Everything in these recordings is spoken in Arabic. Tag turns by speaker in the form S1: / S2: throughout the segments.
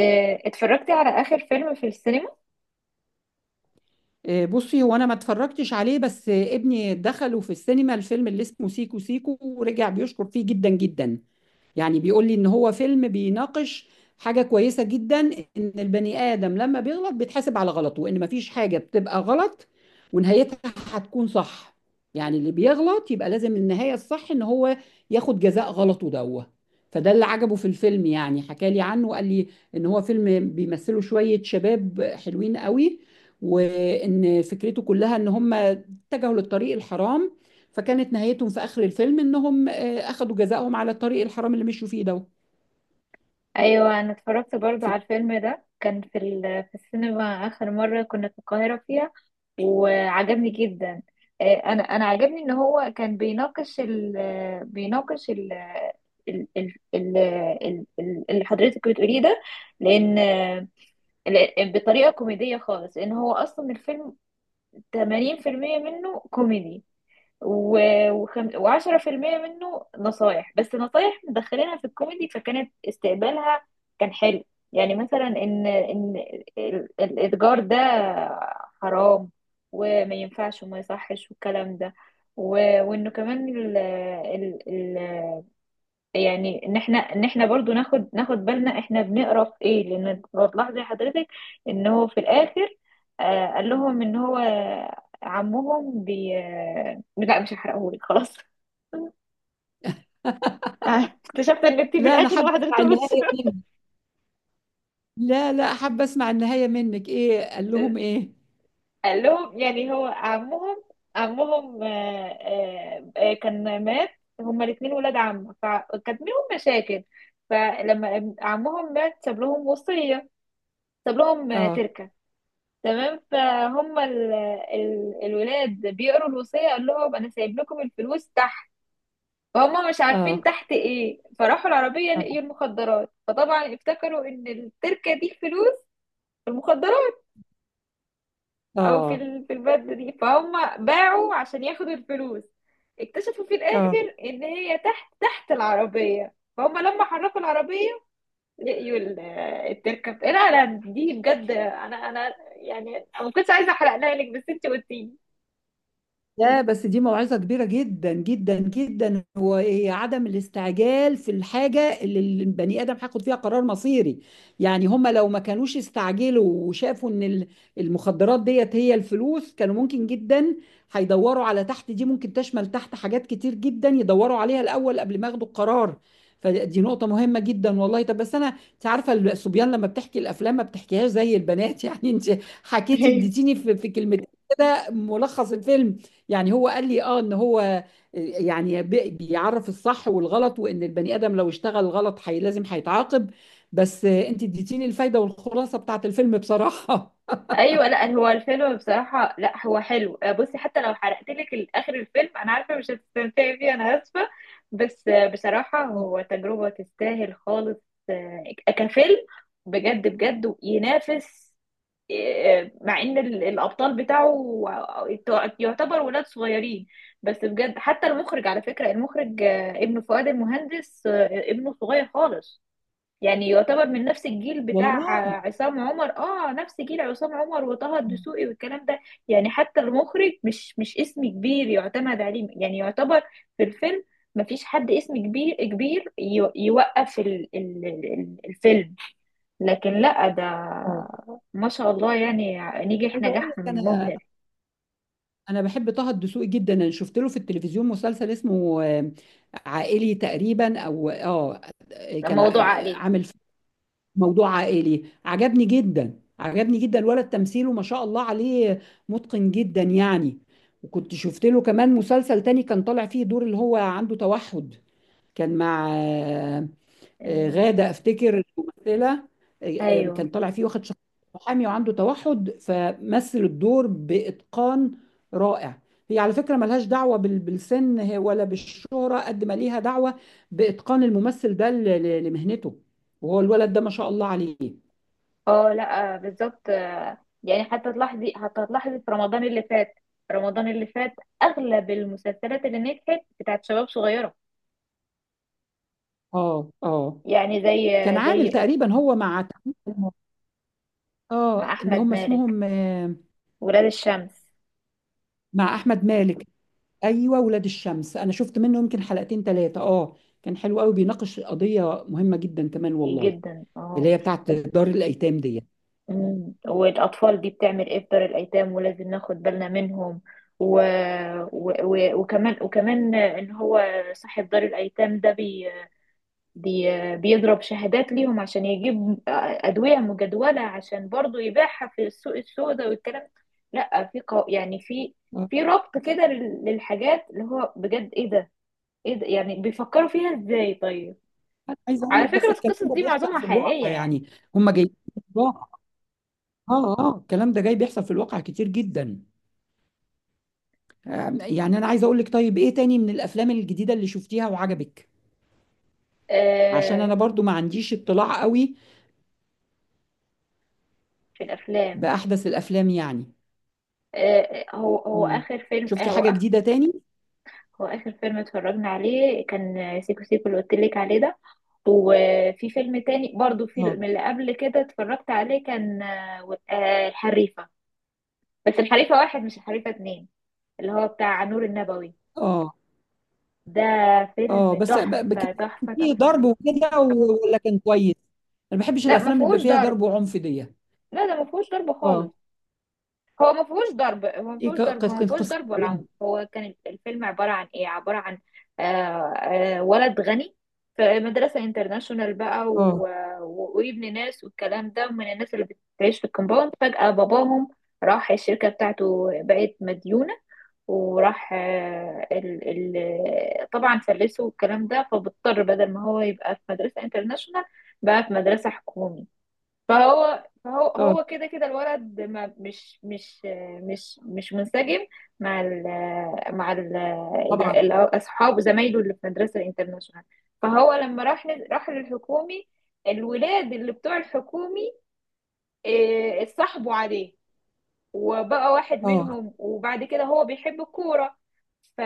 S1: اتفرجتي على آخر فيلم في السينما؟
S2: بصي، هو انا ما اتفرجتش عليه. بس ابني دخله في السينما الفيلم اللي اسمه سيكو سيكو، ورجع بيشكر فيه جدا جدا. يعني بيقول لي ان هو فيلم بيناقش حاجة كويسة جدا، ان البني آدم لما بيغلط بيتحاسب على غلطه، وان مفيش حاجة بتبقى غلط ونهايتها هتكون صح. يعني اللي بيغلط يبقى لازم النهاية الصح ان هو ياخد جزاء غلطه دوه. فده اللي عجبه في الفيلم. يعني حكى لي عنه وقال لي ان هو فيلم بيمثله شوية شباب حلوين قوي، وان فكرته كلها ان هم اتجهوا للطريق الحرام، فكانت نهايتهم في اخر الفيلم انهم اخذوا جزاءهم على الطريق الحرام اللي مشوا فيه ده.
S1: أيوة، أنا اتفرجت برضو على الفيلم ده، كان في السينما آخر مرة كنا في القاهرة فيها، وعجبني جدا. أنا عجبني إن هو كان بيناقش اللي حضرتك بتقوليه ده، لأن آه، بطريقة كوميدية خالص، لأن هو أصلا الفيلم 80% منه كوميدي، وعشرة في المية منه نصايح، بس نصايح مدخلينها في الكوميدي، فكانت استقبالها كان حلو. يعني مثلا ان الاتجار ده حرام، وما ينفعش وما يصحش والكلام ده، و... وانه كمان ال... ال... ال... يعني ان احنا برضو ناخد بالنا، احنا بنقرا في ايه، لان لو تلاحظي حضرتك ان هو في الاخر، قال لهم ان هو عمهم، بي آه، لا، مش هحرقهولك خلاص. آه، اكتشفت ان انت في
S2: لا، انا
S1: الاخر
S2: حابه
S1: ما
S2: اسمع
S1: حضرتوش.
S2: النهايه منك. لا، لا، حابه اسمع النهايه منك، ايه قال لهم؟ ايه؟
S1: قال لهم، يعني هو عمهم كان مات. هما الاثنين ولاد عم، فكانت منهم مشاكل. فلما عمهم مات، ساب لهم وصية، ساب لهم
S2: اه،
S1: تركة. تمام، فهم الولاد بيقروا الوصية. قال لهم أنا سايب لكم الفلوس تحت، فهم مش عارفين
S2: اه،
S1: تحت إيه، فراحوا العربية
S2: اه،
S1: لقيوا المخدرات، فطبعا افتكروا إن التركة دي فلوس في المخدرات، أو
S2: اه،
S1: في البلد دي. فهم باعوا عشان ياخدوا الفلوس، اكتشفوا في
S2: اه.
S1: الآخر إن هي تحت العربية، فهم لما حركوا العربية لقيوا التركة. لا لا، دي بجد، أنا يعني أنا ما كنتش عايزة أحرقها لك، بس أنت قلتيلي.
S2: لا، بس دي موعظة كبيرة جدا جدا جدا، هو إيه، هي عدم الاستعجال في الحاجة اللي البني آدم هياخد فيها قرار مصيري. يعني هما لو ما كانوش استعجلوا وشافوا ان المخدرات ديت هي الفلوس، كانوا ممكن جدا هيدوروا على تحت دي. ممكن تشمل تحت حاجات كتير جدا يدوروا عليها الأول قبل ما ياخدوا القرار. فدي نقطة مهمة جدا والله. طب بس أنا، أنت عارفة الصبيان لما بتحكي الأفلام ما بتحكيهاش زي البنات. يعني أنت حكيتي، اديتيني في كلمتين كده ملخص الفيلم. يعني هو قال لي اه، ان هو يعني بيعرف الصح والغلط، وان البني ادم لو اشتغل غلط حي لازم هيتعاقب. بس انت اديتيني الفايده والخلاصه بتاعت الفيلم بصراحه.
S1: ايوه، لا هو الفيلم بصراحه، لا هو حلو. بصي، حتى لو حرقت لك اخر الفيلم انا عارفه مش هتستمتعي بيه، انا اسفه، بس بصراحه هو تجربه تستاهل خالص. كفيلم بجد بجد ينافس، مع ان الابطال بتاعه يعتبر ولاد صغيرين، بس بجد. حتى المخرج، على فكره المخرج ابن فؤاد المهندس، ابنه صغير خالص، يعني يعتبر من نفس الجيل بتاع
S2: والله.
S1: عصام عمر. اه، نفس جيل عصام عمر وطه الدسوقي والكلام ده. يعني حتى المخرج مش اسم كبير يعتمد عليه، يعني يعتبر في الفيلم مفيش حد اسم كبير كبير يوقف الفيلم، لكن لا، ده
S2: اه،
S1: ما شاء الله يعني نجح
S2: عايزه اقول
S1: نجاح
S2: لك. انا
S1: مبهر.
S2: انا بحب طه الدسوقي جدا. انا شفت له في التلفزيون مسلسل اسمه عائلي تقريبا، او اه،
S1: ده
S2: كان
S1: موضوع عقلي.
S2: عامل موضوع عائلي. عجبني جدا، عجبني جدا. الولد تمثيله ما شاء الله عليه، متقن جدا يعني. وكنت شفت له كمان مسلسل تاني كان طالع فيه دور اللي هو عنده توحد. كان مع
S1: أمم،
S2: غادة، افتكر ممثلة.
S1: ايوه.
S2: كان طالع فيه واخد شخصية محامي وعنده توحد، فمثل الدور بإتقان رائع. هي على فكرة ملهاش دعوة بالسن ولا بالشهرة، قد ما ليها دعوة بإتقان الممثل ده لمهنته. وهو الولد ده ما شاء الله عليه.
S1: اه، لا، بالظبط. يعني حتى تلاحظي، حتى تلاحظي في رمضان اللي فات، رمضان اللي فات اغلب المسلسلات اللي نجحت بتاعت شباب صغيره.
S2: اه، اه،
S1: يعني
S2: كان عامل
S1: زي
S2: تقريبا هو مع
S1: مع
S2: اه، اللي
S1: احمد
S2: هم
S1: مالك
S2: اسمهم
S1: ولاد الشمس،
S2: مع أحمد مالك. ايوه، ولاد الشمس، انا شفت منه يمكن حلقتين ثلاثه. اه، كان حلو قوي، بيناقش قضيه مهمه جدا كمان والله،
S1: جدا
S2: اللي
S1: اه.
S2: هي بتاعت دار الايتام دي.
S1: والاطفال دي بتعمل ايه في دار الايتام، ولازم ناخد بالنا منهم، و... و... و... وكمان وكمان ان هو صاحب دار الايتام ده بيضرب شهادات ليهم عشان يجيب أدوية مجدولة، عشان برضو يبيعها في السوق السوداء والكلام. لا، يعني في
S2: آه.
S1: في ربط كده للحاجات، اللي هو بجد ايه ده، ايه ده، يعني بيفكروا فيها ازاي؟ طيب،
S2: انا عايز اقول
S1: على
S2: لك بس،
S1: فكرة
S2: الكلام
S1: القصص
S2: ده
S1: دي معظمها
S2: بيحصل في
S1: حقيقية
S2: الواقع
S1: يعني.
S2: يعني. هم جايين في الواقع. اه، اه، الكلام ده جاي، بيحصل في الواقع كتير جدا. يعني انا عايز اقول لك، طيب ايه تاني من الافلام الجديده اللي شفتيها وعجبك؟ عشان
S1: آه
S2: انا برضو ما عنديش اطلاع قوي
S1: في الأفلام.
S2: باحدث الافلام يعني.
S1: آه هو هو
S2: مم.
S1: آخر فيلم آه
S2: شفتي
S1: هو
S2: حاجه
S1: آخر
S2: جديده تاني؟
S1: هو آخر فيلم اتفرجنا عليه كان سيكو سيكو، اللي قلت لك عليه ده. وفي فيلم تاني برضو في
S2: اه،
S1: من اللي قبل كده اتفرجت عليه، كان الحريفة، بس الحريفة واحد مش الحريفة اتنين، اللي هو بتاع نور النبوي
S2: اه،
S1: ده.
S2: اه.
S1: فيلم
S2: بس كان
S1: تحفة تحفة
S2: فيه
S1: تحفة.
S2: ضرب وكده، ولا كان كويس؟ انا ما بحبش
S1: لا ما
S2: الافلام اللي بيبقى
S1: فيهوش
S2: فيها
S1: ضرب.
S2: ضرب وعنف دي.
S1: لا ده ما فيهوش ضرب خالص.
S2: اه،
S1: هو ما فيهوش ضرب، هو ما
S2: ايه
S1: فيهوش ضرب، هو ما
S2: كانت
S1: فيهوش
S2: قصه
S1: ضرب ولا عنف.
S2: إيه؟
S1: هو كان الفيلم عبارة عن ايه؟ عبارة عن ولد غني في مدرسة انترناشونال بقى،
S2: اه،
S1: وابن ناس والكلام ده، ومن الناس اللي بتعيش في الكومباوند، فجأة باباهم راح الشركة بتاعته بقت مديونة، وراح طبعا فلسه والكلام ده. فبضطر بدل ما هو يبقى في مدرسة انترناشونال، بقى في مدرسة حكومي. فهو
S2: اه،
S1: هو كده كده الولد ما مش مش مش مش منسجم مع ال مع ال
S2: طبعا.
S1: ال- اصحابه زمايله اللي في مدرسه الانترناشونال. فهو لما راح للحكومي، الولاد اللي بتوع الحكومي، إيه، اتصاحبوا عليه وبقى واحد
S2: اه،
S1: منهم. وبعد كده هو بيحب الكورة، ف...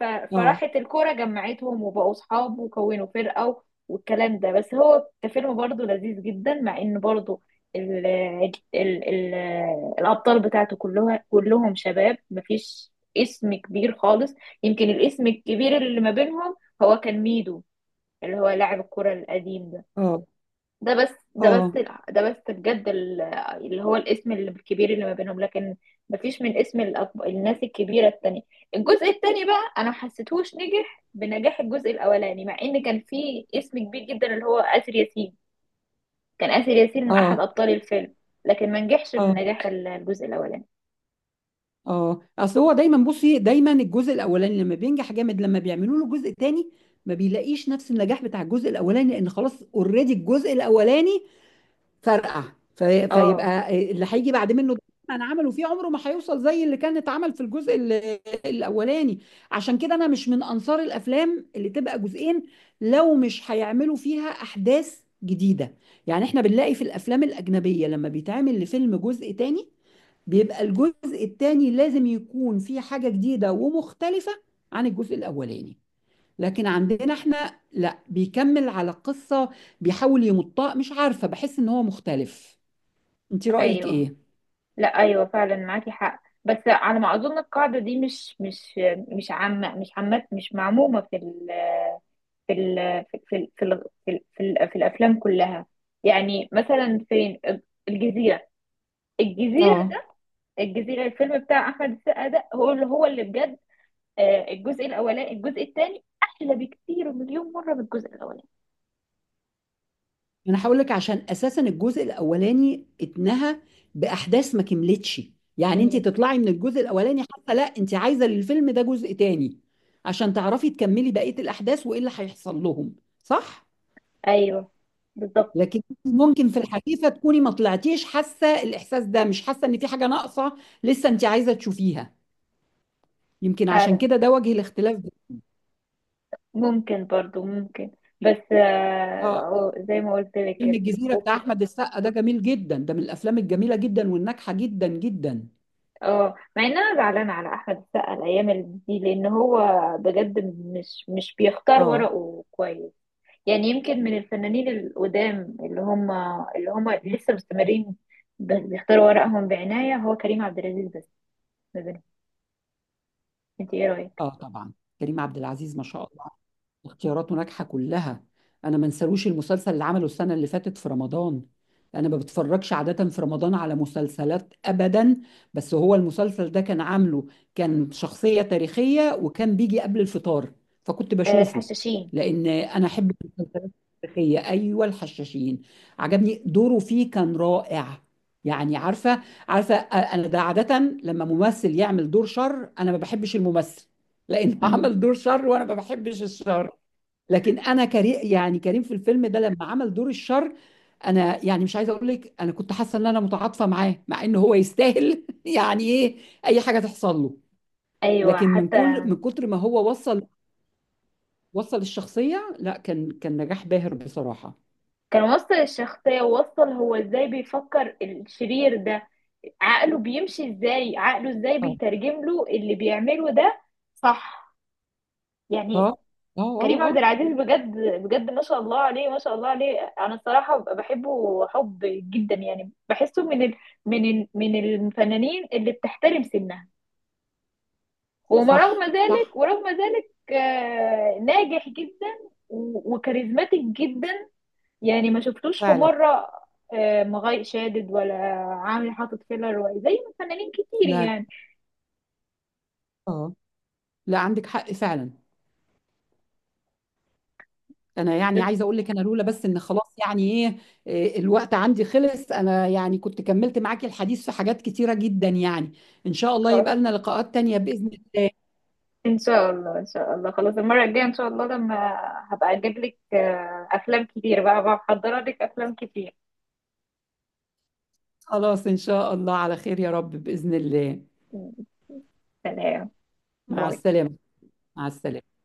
S1: ف...
S2: اه،
S1: فراحت الكورة جمعتهم، وبقوا صحاب وكونوا فرقة والكلام ده. بس هو كفيلم برضه لذيذ جدا، مع ان برضه ال... ال... ال... الأبطال بتاعته كلهم شباب، مفيش اسم كبير خالص. يمكن الاسم الكبير اللي ما بينهم هو كان ميدو، اللي هو لاعب الكرة القديم ده.
S2: اه، اه،
S1: ده بس بجد اللي هو الاسم الكبير اللي ما بينهم، لكن مفيش من اسم الناس الكبيرة التانية. الجزء التاني بقى أنا محسيتهوش نجح بنجاح الجزء الأولاني، مع إن كان فيه اسم كبير جدا اللي هو آسر ياسين، كان آسر ياسين أحد
S2: اه،
S1: أبطال الفيلم، لكن ما نجحش
S2: اه،
S1: بنجاح الجزء الأولاني.
S2: اه. اصل هو دايما، بصي، دايما الجزء الاولاني لما بينجح جامد، لما بيعملوا له جزء تاني ما بيلاقيش نفس النجاح بتاع الجزء الاولاني، لان خلاص اوريدي الجزء الاولاني فرقع.
S1: اه،
S2: فيبقى اللي هيجي بعد منه ده انا عمله فيه عمره ما هيوصل زي اللي كان اتعمل في الجزء الاولاني. عشان كده انا مش من انصار الافلام اللي تبقى جزئين لو مش هيعملوا فيها احداث جديده. يعني احنا بنلاقي في الافلام الاجنبيه لما بيتعمل لفيلم جزء تاني، بيبقى الجزء التاني لازم يكون فيه حاجه جديده ومختلفه عن الجزء الاولاني. لكن عندنا احنا لا، بيكمل على القصة، بيحاول يمطها، مش عارفة، بحس ان هو مختلف. انت رأيك
S1: أيوه،
S2: ايه؟
S1: لا أيوه فعلا معاكي حق، بس على ما أظن القاعدة دي مش عامة، مش معمومة في ال في, ال في, ال في الافلام كلها. يعني مثلا، فين الجزيره؟ الجزيره
S2: اه،
S1: ده، الجزيره الفيلم بتاع احمد السقا ده، هو اللي بجد، الجزء الاولاني الجزء الثاني احلى بكتير مليون مره من الجزء الاولاني.
S2: انا هقول لك، عشان اساسا الجزء الاولاني اتنهى باحداث ما كملتش. يعني انت
S1: مم.
S2: تطلعي من الجزء الاولاني حتى لا، انت عايزة للفيلم ده جزء تاني عشان تعرفي تكملي بقية الاحداث وايه اللي هيحصل لهم. صح؟
S1: ايوه، بالظبط.
S2: لكن ممكن في الحقيقة تكوني ما طلعتيش حاسة الاحساس ده، مش حاسة ان في حاجة ناقصة لسه انت عايزة تشوفيها. يمكن عشان
S1: فعلا
S2: كده ده وجه الاختلاف.
S1: ممكن برضو ممكن. بس
S2: اه،
S1: أو زي ما قلت لك
S2: فيلم
S1: كده.
S2: الجزيرة بتاع أحمد السقا ده جميل جدا، ده من الأفلام الجميلة جدا والناجحة جدا جدا.
S1: اه، مع ان انا زعلانه على احمد السقا الايام دي، لان هو بجد مش بيختار
S2: اه،
S1: ورقه كويس. يعني يمكن من الفنانين القدام اللي هم لسه مستمرين، بيختاروا ورقهم بعناية، هو كريم عبد العزيز بس ما بينهم. انت ايه رأيك؟
S2: اه، طبعا. كريم عبد العزيز ما شاء الله، اختياراته ناجحه كلها. انا ما انساروش المسلسل اللي عمله السنه اللي فاتت في رمضان. انا ما بتفرجش عاده في رمضان على مسلسلات ابدا، بس هو المسلسل ده كان عامله، كان شخصيه تاريخيه وكان بيجي قبل الفطار فكنت
S1: آه،
S2: بشوفه،
S1: الحشاشين.
S2: لان انا احب المسلسلات التاريخيه. ايوه الحشاشين، عجبني دوره فيه كان رائع. يعني عارفه، عارفه انا، ده عاده لما ممثل يعمل دور شر انا ما بحبش الممثل، لانه عمل
S1: امم
S2: دور شر وانا ما بحبش الشر. لكن انا، كريم، يعني كريم في الفيلم ده لما عمل دور الشر، انا يعني مش عايزه اقول لك انا كنت حاسه ان انا متعاطفه معاه مع ان هو يستاهل يعني ايه اي حاجه تحصل له.
S1: ايوه
S2: لكن من
S1: حتى.
S2: كل من كتر ما هو وصل الشخصيه، لا، كان نجاح باهر بصراحه.
S1: كان وصل الشخصية، ووصل هو ازاي بيفكر الشرير ده، عقله بيمشي ازاي، عقله ازاي
S2: اه،
S1: بيترجم له اللي بيعمله ده. صح.
S2: اه،
S1: يعني
S2: اه، اه،
S1: كريم عبد
S2: اه.
S1: العزيز بجد، بجد ما شاء الله عليه، ما شاء الله عليه. انا الصراحه بحبه حب جدا، يعني بحسه من ال من الفنانين اللي بتحترم سنها، وما رغم
S2: صح، صح.
S1: ذلك ورغم ذلك ناجح جدا، وكاريزماتيك جدا، يعني ما شفتوش في
S2: فعلا.
S1: مره مغاي شادد، ولا عامل حاطط فيلر، زي ما فنانين كتير
S2: لا،
S1: يعني.
S2: اه، لا، عندك حق فعلا. انا يعني عايزه اقول لك انا، لولا بس ان خلاص، يعني ايه، إيه، الوقت عندي خلص. انا يعني كنت كملت معاكي الحديث في حاجات كتيره جدا يعني. ان شاء الله يبقى
S1: بس
S2: لنا لقاءات تانية باذن الله.
S1: ان شاء الله، ان شاء الله، خلاص، المره الجايه ان شاء الله لما هبقى اجيب لك افلام كتير، بقى بحضر لك افلام كتير.
S2: خلاص ان شاء الله، على خير يا رب باذن الله.
S1: سلام.
S2: مع
S1: باي.
S2: السلامه. مع السلامه.